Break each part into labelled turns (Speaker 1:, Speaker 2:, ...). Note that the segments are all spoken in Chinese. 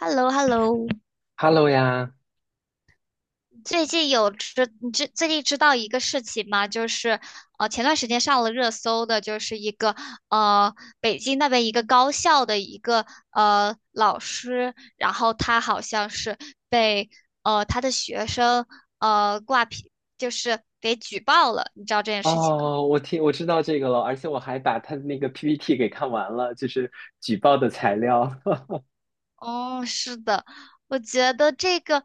Speaker 1: h e l l o h e l l o
Speaker 2: Hello 呀。
Speaker 1: 最近有知你知最近知道一个事情吗？就是前段时间上了热搜的，就是一个呃北京那边一个高校的一个老师，然后他好像是被他的学生挂皮，就是给举报了，你知道这件事情吗？
Speaker 2: 哦，我知道这个了，而且我还把他的那个 PPT 给看完了，就是举报的材料。
Speaker 1: 哦，是的，我觉得这个，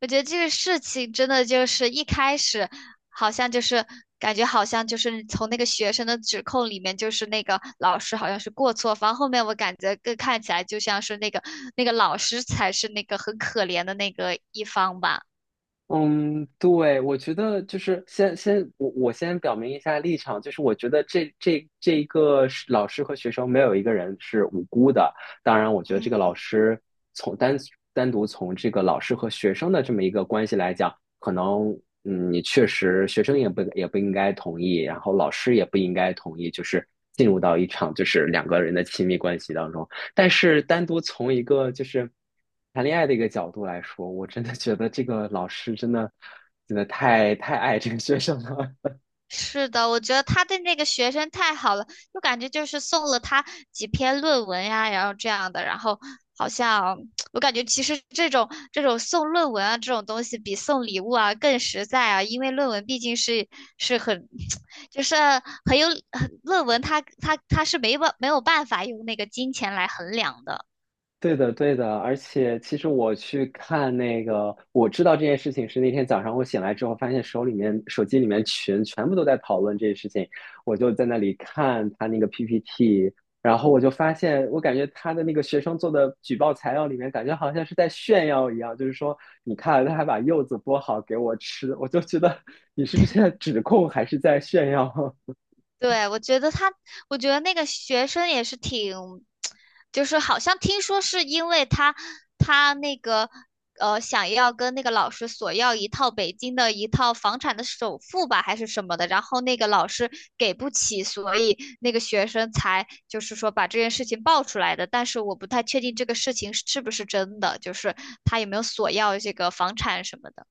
Speaker 1: 我觉得这个事情真的就是一开始，好像就是感觉好像就是从那个学生的指控里面，就是那个老师好像是过错方，后面我感觉更看起来就像是那个老师才是那个很可怜的那个一方吧。
Speaker 2: 嗯，对，我觉得就是先我先表明一下立场，就是我觉得这一个是老师和学生没有一个人是无辜的。当然，我觉得这个老
Speaker 1: 嗯，
Speaker 2: 师从单单独从这个老师和学生的这么一个关系来讲，可能你确实学生也不应该同意，然后老师也不应该同意，就是进入到一场就是两个人的亲密关系当中。但是单独从一个就是谈恋爱的一个角度来说，我真的觉得这个老师真的太爱这个学生了。
Speaker 1: 是的，我觉得他对那个学生太好了，就感觉就是送了他几篇论文呀，然后这样的，然后好像 我感觉其实这种送论文啊这种东西比送礼物啊更实在啊，因为论文毕竟是很 就是很有很论文它没有办法用那个金钱来衡量的。
Speaker 2: 对的，对的，而且其实我去看那个，我知道这件事情是那天早上我醒来之后，发现手机里面群全部都在讨论这件事情，我就在那里看他那个 PPT,然后我就发现，我感觉他的那个学生做的举报材料里面，感觉好像是在炫耀一样，就是说你看他还把柚子剥好给我吃，我就觉得 你是在指控还是在炫耀？
Speaker 1: 对，我觉得那个学生也是挺，就是好像听说是因为他想要跟那个老师索要一套北京的房产的首付吧，还是什么的，然后那个老师给不起，所以那个学生才就是说把这件事情爆出来的。但是我不太确定这个事情是不是真的，就是他有没有索要这个房产什么的。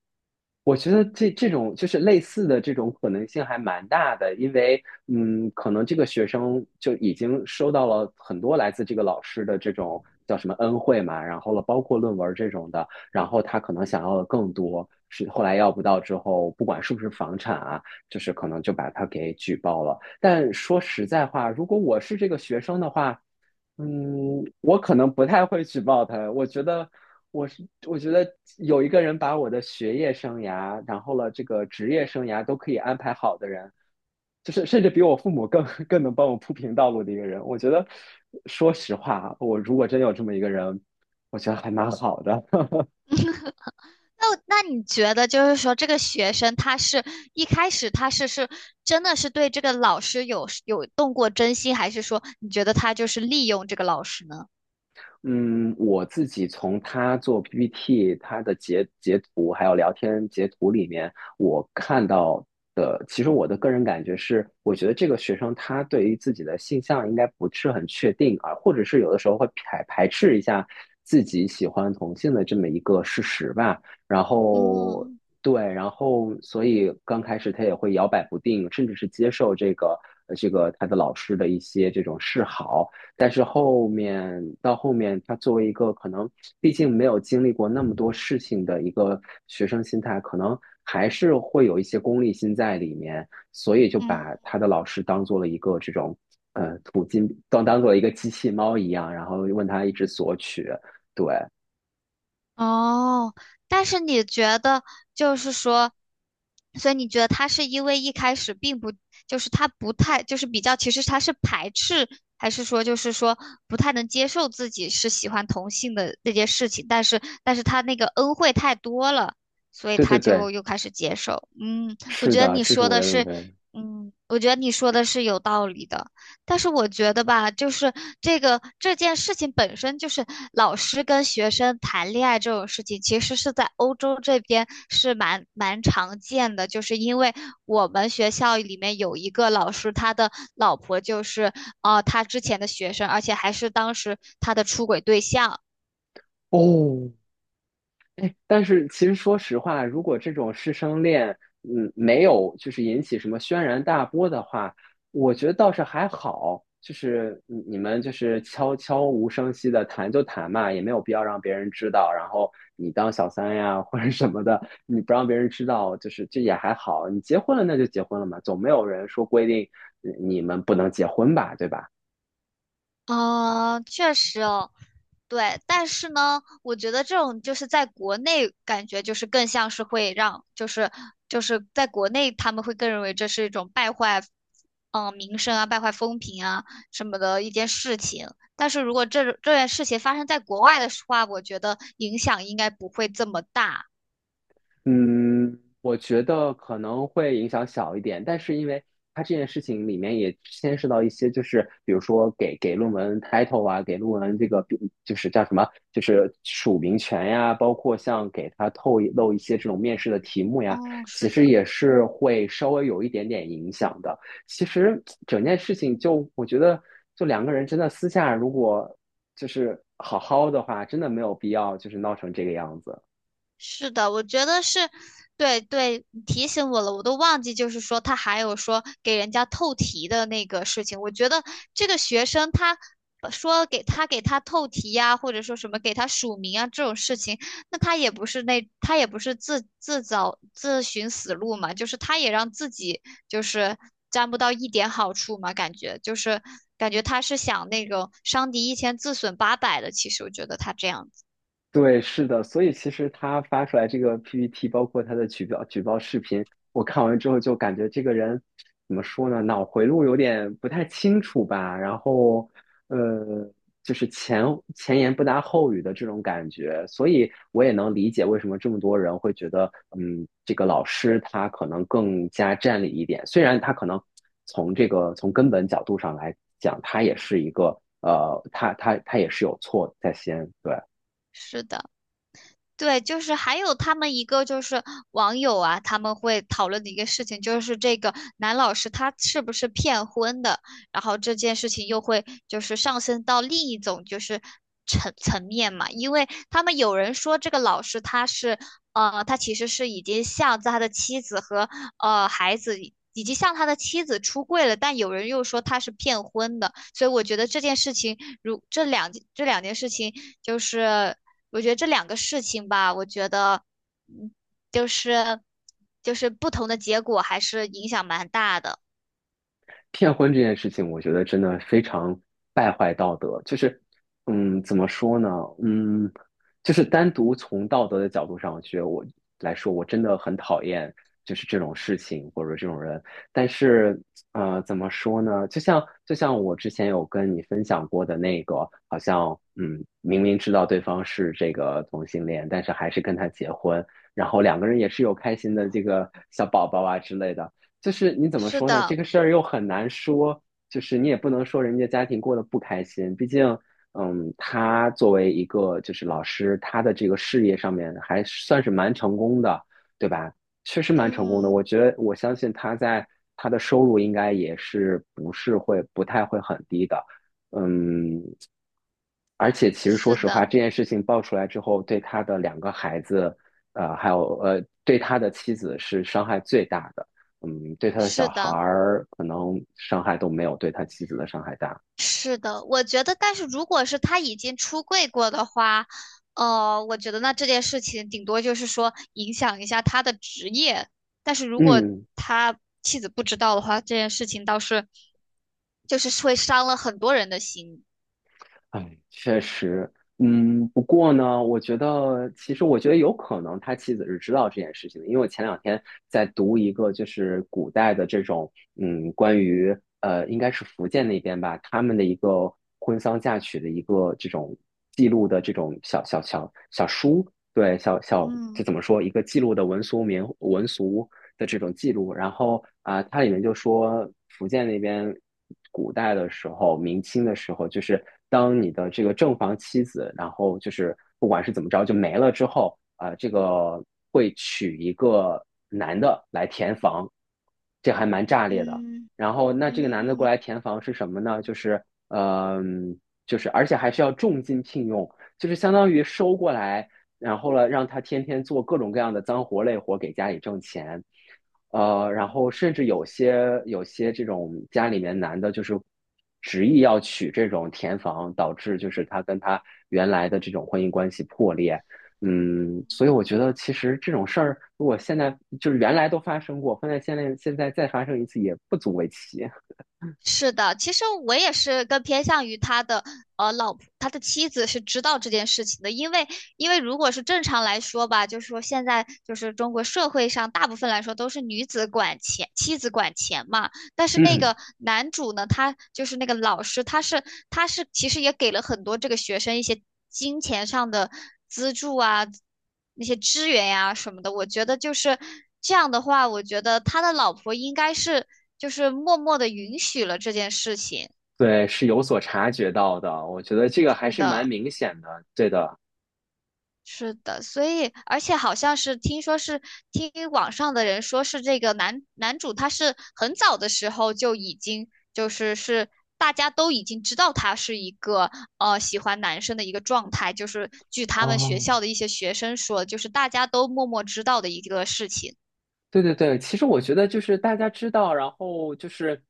Speaker 2: 我觉得这这种就是类似的这种可能性还蛮大的，因为可能这个学生就已经收到了很多来自这个老师的这种叫什么恩惠嘛，然后了包括论文这种的，然后他可能想要的更多，是后来要不到之后，不管是不是房产啊，就是可能就把他给举报了。但说实在话，如果我是这个学生的话，嗯，我可能不太会举报他。我觉得，我觉得有一个人把我的学业生涯，然后了这个职业生涯都可以安排好的人，就是甚至比我父母更 更能帮我铺平道路的一个人。我觉得，说实话啊，我如果真有这么一个人，我觉得还蛮好的。
Speaker 1: 那你觉得就是说，这个学生他是一开始他真的是对这个老师有动过真心，还是说你觉得他就是利用这个老师呢？
Speaker 2: 嗯，我自己从他做 PPT,他的截图，还有聊天截图里面，我看到的，其实我的个人感觉是，我觉得这个学生他对于自己的性向应该不是很确定啊，或者是有的时候会排斥一下自己喜欢同性的这么一个事实吧。然后，
Speaker 1: 嗯。
Speaker 2: 对，然后所以刚开始他也会摇摆不定，甚至是接受这个这个他的老师的一些这种示好。但是后面，他作为一个可能毕竟没有经历过那么多事情的一个学生心态，可能还是会有一些功利心在里面，所以就
Speaker 1: 嗯，
Speaker 2: 把他的老师当做了一个这种土金当做了一个机器猫一样，然后问他一直索取。对，
Speaker 1: 哦，但是你觉得就是说，所以你觉得他是因为一开始并不，就是他不太，就是比较，其实他是排斥，还是说就是说不太能接受自己是喜欢同性的这件事情，但是他那个恩惠太多了，所以
Speaker 2: 对对
Speaker 1: 他
Speaker 2: 对，
Speaker 1: 就又开始接受。嗯，我
Speaker 2: 是
Speaker 1: 觉得
Speaker 2: 的，
Speaker 1: 你
Speaker 2: 这是
Speaker 1: 说
Speaker 2: 我
Speaker 1: 的
Speaker 2: 的认
Speaker 1: 是，
Speaker 2: 为。
Speaker 1: 嗯，我觉得你说的是有道理的。但是我觉得吧，就是这件事情本身就是老师跟学生谈恋爱这种事情，其实是在欧洲这边是蛮常见的。就是因为我们学校里面有一个老师，他的老婆就是他之前的学生，而且还是当时他的出轨对象。
Speaker 2: 哦，哎，但是其实说实话，如果这种师生恋，嗯，没有就是引起什么轩然大波的话，我觉得倒是还好。就是你们就是悄悄无声息的谈就谈嘛，也没有必要让别人知道。然后你当小三呀或者什么的，你不让别人知道，就是这也还好。你结婚了那就结婚了嘛，总没有人说规定你们不能结婚吧，对吧？
Speaker 1: 嗯，确实哦，对，但是呢，我觉得这种就是在国内感觉就是更像是会让，就是在国内他们会更认为这是一种败坏，嗯、名声啊，败坏风评啊什么的一件事情。但是如果这件事情发生在国外的话，我觉得影响应该不会这么大。
Speaker 2: 嗯，我觉得可能会影响小一点，但是因为它这件事情里面也牵涉到一些，就是比如说给论文 title 啊，给论文这个比就是叫什么，就是署名权呀，包括像给它透露一些这种面试的题目呀，
Speaker 1: 哦，是
Speaker 2: 其实
Speaker 1: 的。
Speaker 2: 也是会稍微有一点点影响的。其实整件事情就我觉得，就两个人真的私下如果就是好好的话，真的没有必要就是闹成这个样子。
Speaker 1: 是的，我觉得是，对对，你提醒我了，我都忘记，就是说他还有说给人家透题的那个事情。我觉得这个学生他说给他透题呀、或者说什么给他署名啊这种事情，那他也不是自寻死路嘛，就是他也让自己就是沾不到一点好处嘛，感觉就是感觉他是想那种伤敌一千自损八百的，其实我觉得他这样子，
Speaker 2: 对，是的，所以其实他发出来这个 PPT,包括他的举报视频，我看完之后就感觉这个人怎么说呢，脑回路有点不太清楚吧，然后呃，就是前言不搭后语的这种感觉，所以我也能理解为什么这么多人会觉得，嗯，这个老师他可能更加占理一点，虽然他可能从这个从根本角度上来讲，他也是一个他也是有错在先，对。
Speaker 1: 是的。对，就是还有他们一个就是网友啊，他们会讨论的一个事情，就是这个男老师他是不是骗婚的，然后这件事情又会就是上升到另一种，就是层面嘛，因为他们有人说这个老师他是，他其实是已经向他的妻子和孩子及向他的妻子出柜了，但有人又说他是骗婚的，所以我觉得这件事情，如这两这两件事情，就是我觉得这两个事情吧，我觉得，嗯，就是就是不同的结果还是影响蛮大的。
Speaker 2: 骗婚这件事情，我觉得真的非常败坏道德。就是，嗯，怎么说呢？嗯，就是单独从道德的角度上来说，我真的很讨厌就是这种事情或者这种人。但是，呃，怎么说呢？就像我之前有跟你分享过的那个，好像嗯，明明知道对方是这个同性恋，但是还是跟他结婚，然后两个人也是有开心的这个小宝宝啊之类的。就是你怎么
Speaker 1: 是
Speaker 2: 说呢？这
Speaker 1: 的，
Speaker 2: 个事儿又很难说，就是你也不能说人家家庭过得不开心，毕竟，嗯，他作为一个就是老师，他的这个事业上面还算是蛮成功的，对吧？确实蛮成功的，
Speaker 1: 嗯，
Speaker 2: 我觉得我相信他在他的收入应该不是不太会很低的，嗯，而且其实说
Speaker 1: 是
Speaker 2: 实话，
Speaker 1: 的，
Speaker 2: 这件事情爆出来之后，对他的两个孩子，呃，还有呃，对他的妻子是伤害最大的。嗯，对他的小
Speaker 1: 是
Speaker 2: 孩
Speaker 1: 的。
Speaker 2: 儿可能伤害都没有对他妻子的伤害大。
Speaker 1: 是的，我觉得，但是如果是他已经出柜过的话，我觉得那这件事情顶多就是说影响一下他的职业，但是如果
Speaker 2: 嗯，
Speaker 1: 他妻子不知道的话，这件事情倒是就是会伤了很多人的心。
Speaker 2: 哎，确实，嗯，不过呢，我觉得我觉得有可能他妻子是知道这件事情的，因为我前两天在读一个就是古代的这种，嗯，关于呃，应该是福建那边吧，他们的一个婚丧嫁娶的一个这种记录的这种小小小小书，对，这
Speaker 1: 嗯，
Speaker 2: 怎么说一个记录的文俗，的这种记录。然后啊、呃它里面就说福建那边古代的时候，明清的时候，就是当你的这个正房妻子，然后就是不管是怎么着就没了之后，啊，呃这个会娶一个男的来填房，这还蛮炸裂的。
Speaker 1: 嗯，
Speaker 2: 然后那这个男的过
Speaker 1: 嗯，
Speaker 2: 来填房是什么呢？就是嗯、呃就是而且还是要重金聘用，就是相当于收过来然后呢，让他天天做各种各样的脏活累活给家里挣钱，呃，然
Speaker 1: 嗯。
Speaker 2: 后甚至有些这种家里面男的，就是执意要娶这种田房，导致就是他跟他原来的这种婚姻关系破裂。嗯，所以我觉得其实这种事儿，如果现在就是原来都发生过，放在现在再发生一次也不足为奇。
Speaker 1: 是的，其实我也是更偏向于他的老婆，他的妻子是知道这件事情的，因为如果是正常来说吧，就是说现在就是中国社会上大部分来说都是女子管钱，妻子管钱嘛。但是那
Speaker 2: 嗯，
Speaker 1: 个男主呢，他就是那个老师，他是其实也给了很多这个学生一些金钱上的资助啊，那些支援呀、什么的。我觉得就是这样的话，我觉得他的老婆应该是就是默默的允许了这件事情。
Speaker 2: 对，是有所察觉到的，我觉得这个还
Speaker 1: 是
Speaker 2: 是蛮
Speaker 1: 的。
Speaker 2: 明显的。对的，
Speaker 1: 是的，所以而且好像是听说是听网上的人说是这个男主他是很早的时候就已经就是是大家都已经知道他是一个喜欢男生的一个状态，就是据他们学
Speaker 2: 哦。
Speaker 1: 校的一些学生说，就是大家都默默知道的一个事情。
Speaker 2: 对对对，其实我觉得就是大家知道，然后就是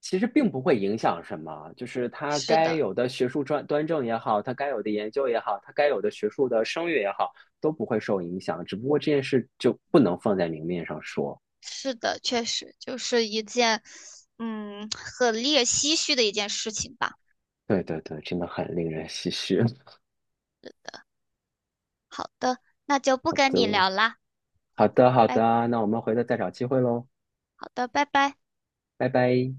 Speaker 2: 其实并不会影响什么，就是它
Speaker 1: 是
Speaker 2: 该
Speaker 1: 的，
Speaker 2: 有的学术专端正也好，它该有的研究也好，它该有的学术的声誉也好，都不会受影响。只不过这件事就不能放在明面上说。
Speaker 1: 是的，确实就是一件很令人唏嘘的一件事情吧。
Speaker 2: 对对对，真的很令人唏嘘。
Speaker 1: 好的，那就不
Speaker 2: 好
Speaker 1: 跟你
Speaker 2: 的，
Speaker 1: 聊啦，
Speaker 2: 好的，好
Speaker 1: 拜
Speaker 2: 的，
Speaker 1: 拜。
Speaker 2: 那我们回头再找机会喽，
Speaker 1: 好的，拜拜。
Speaker 2: 拜拜。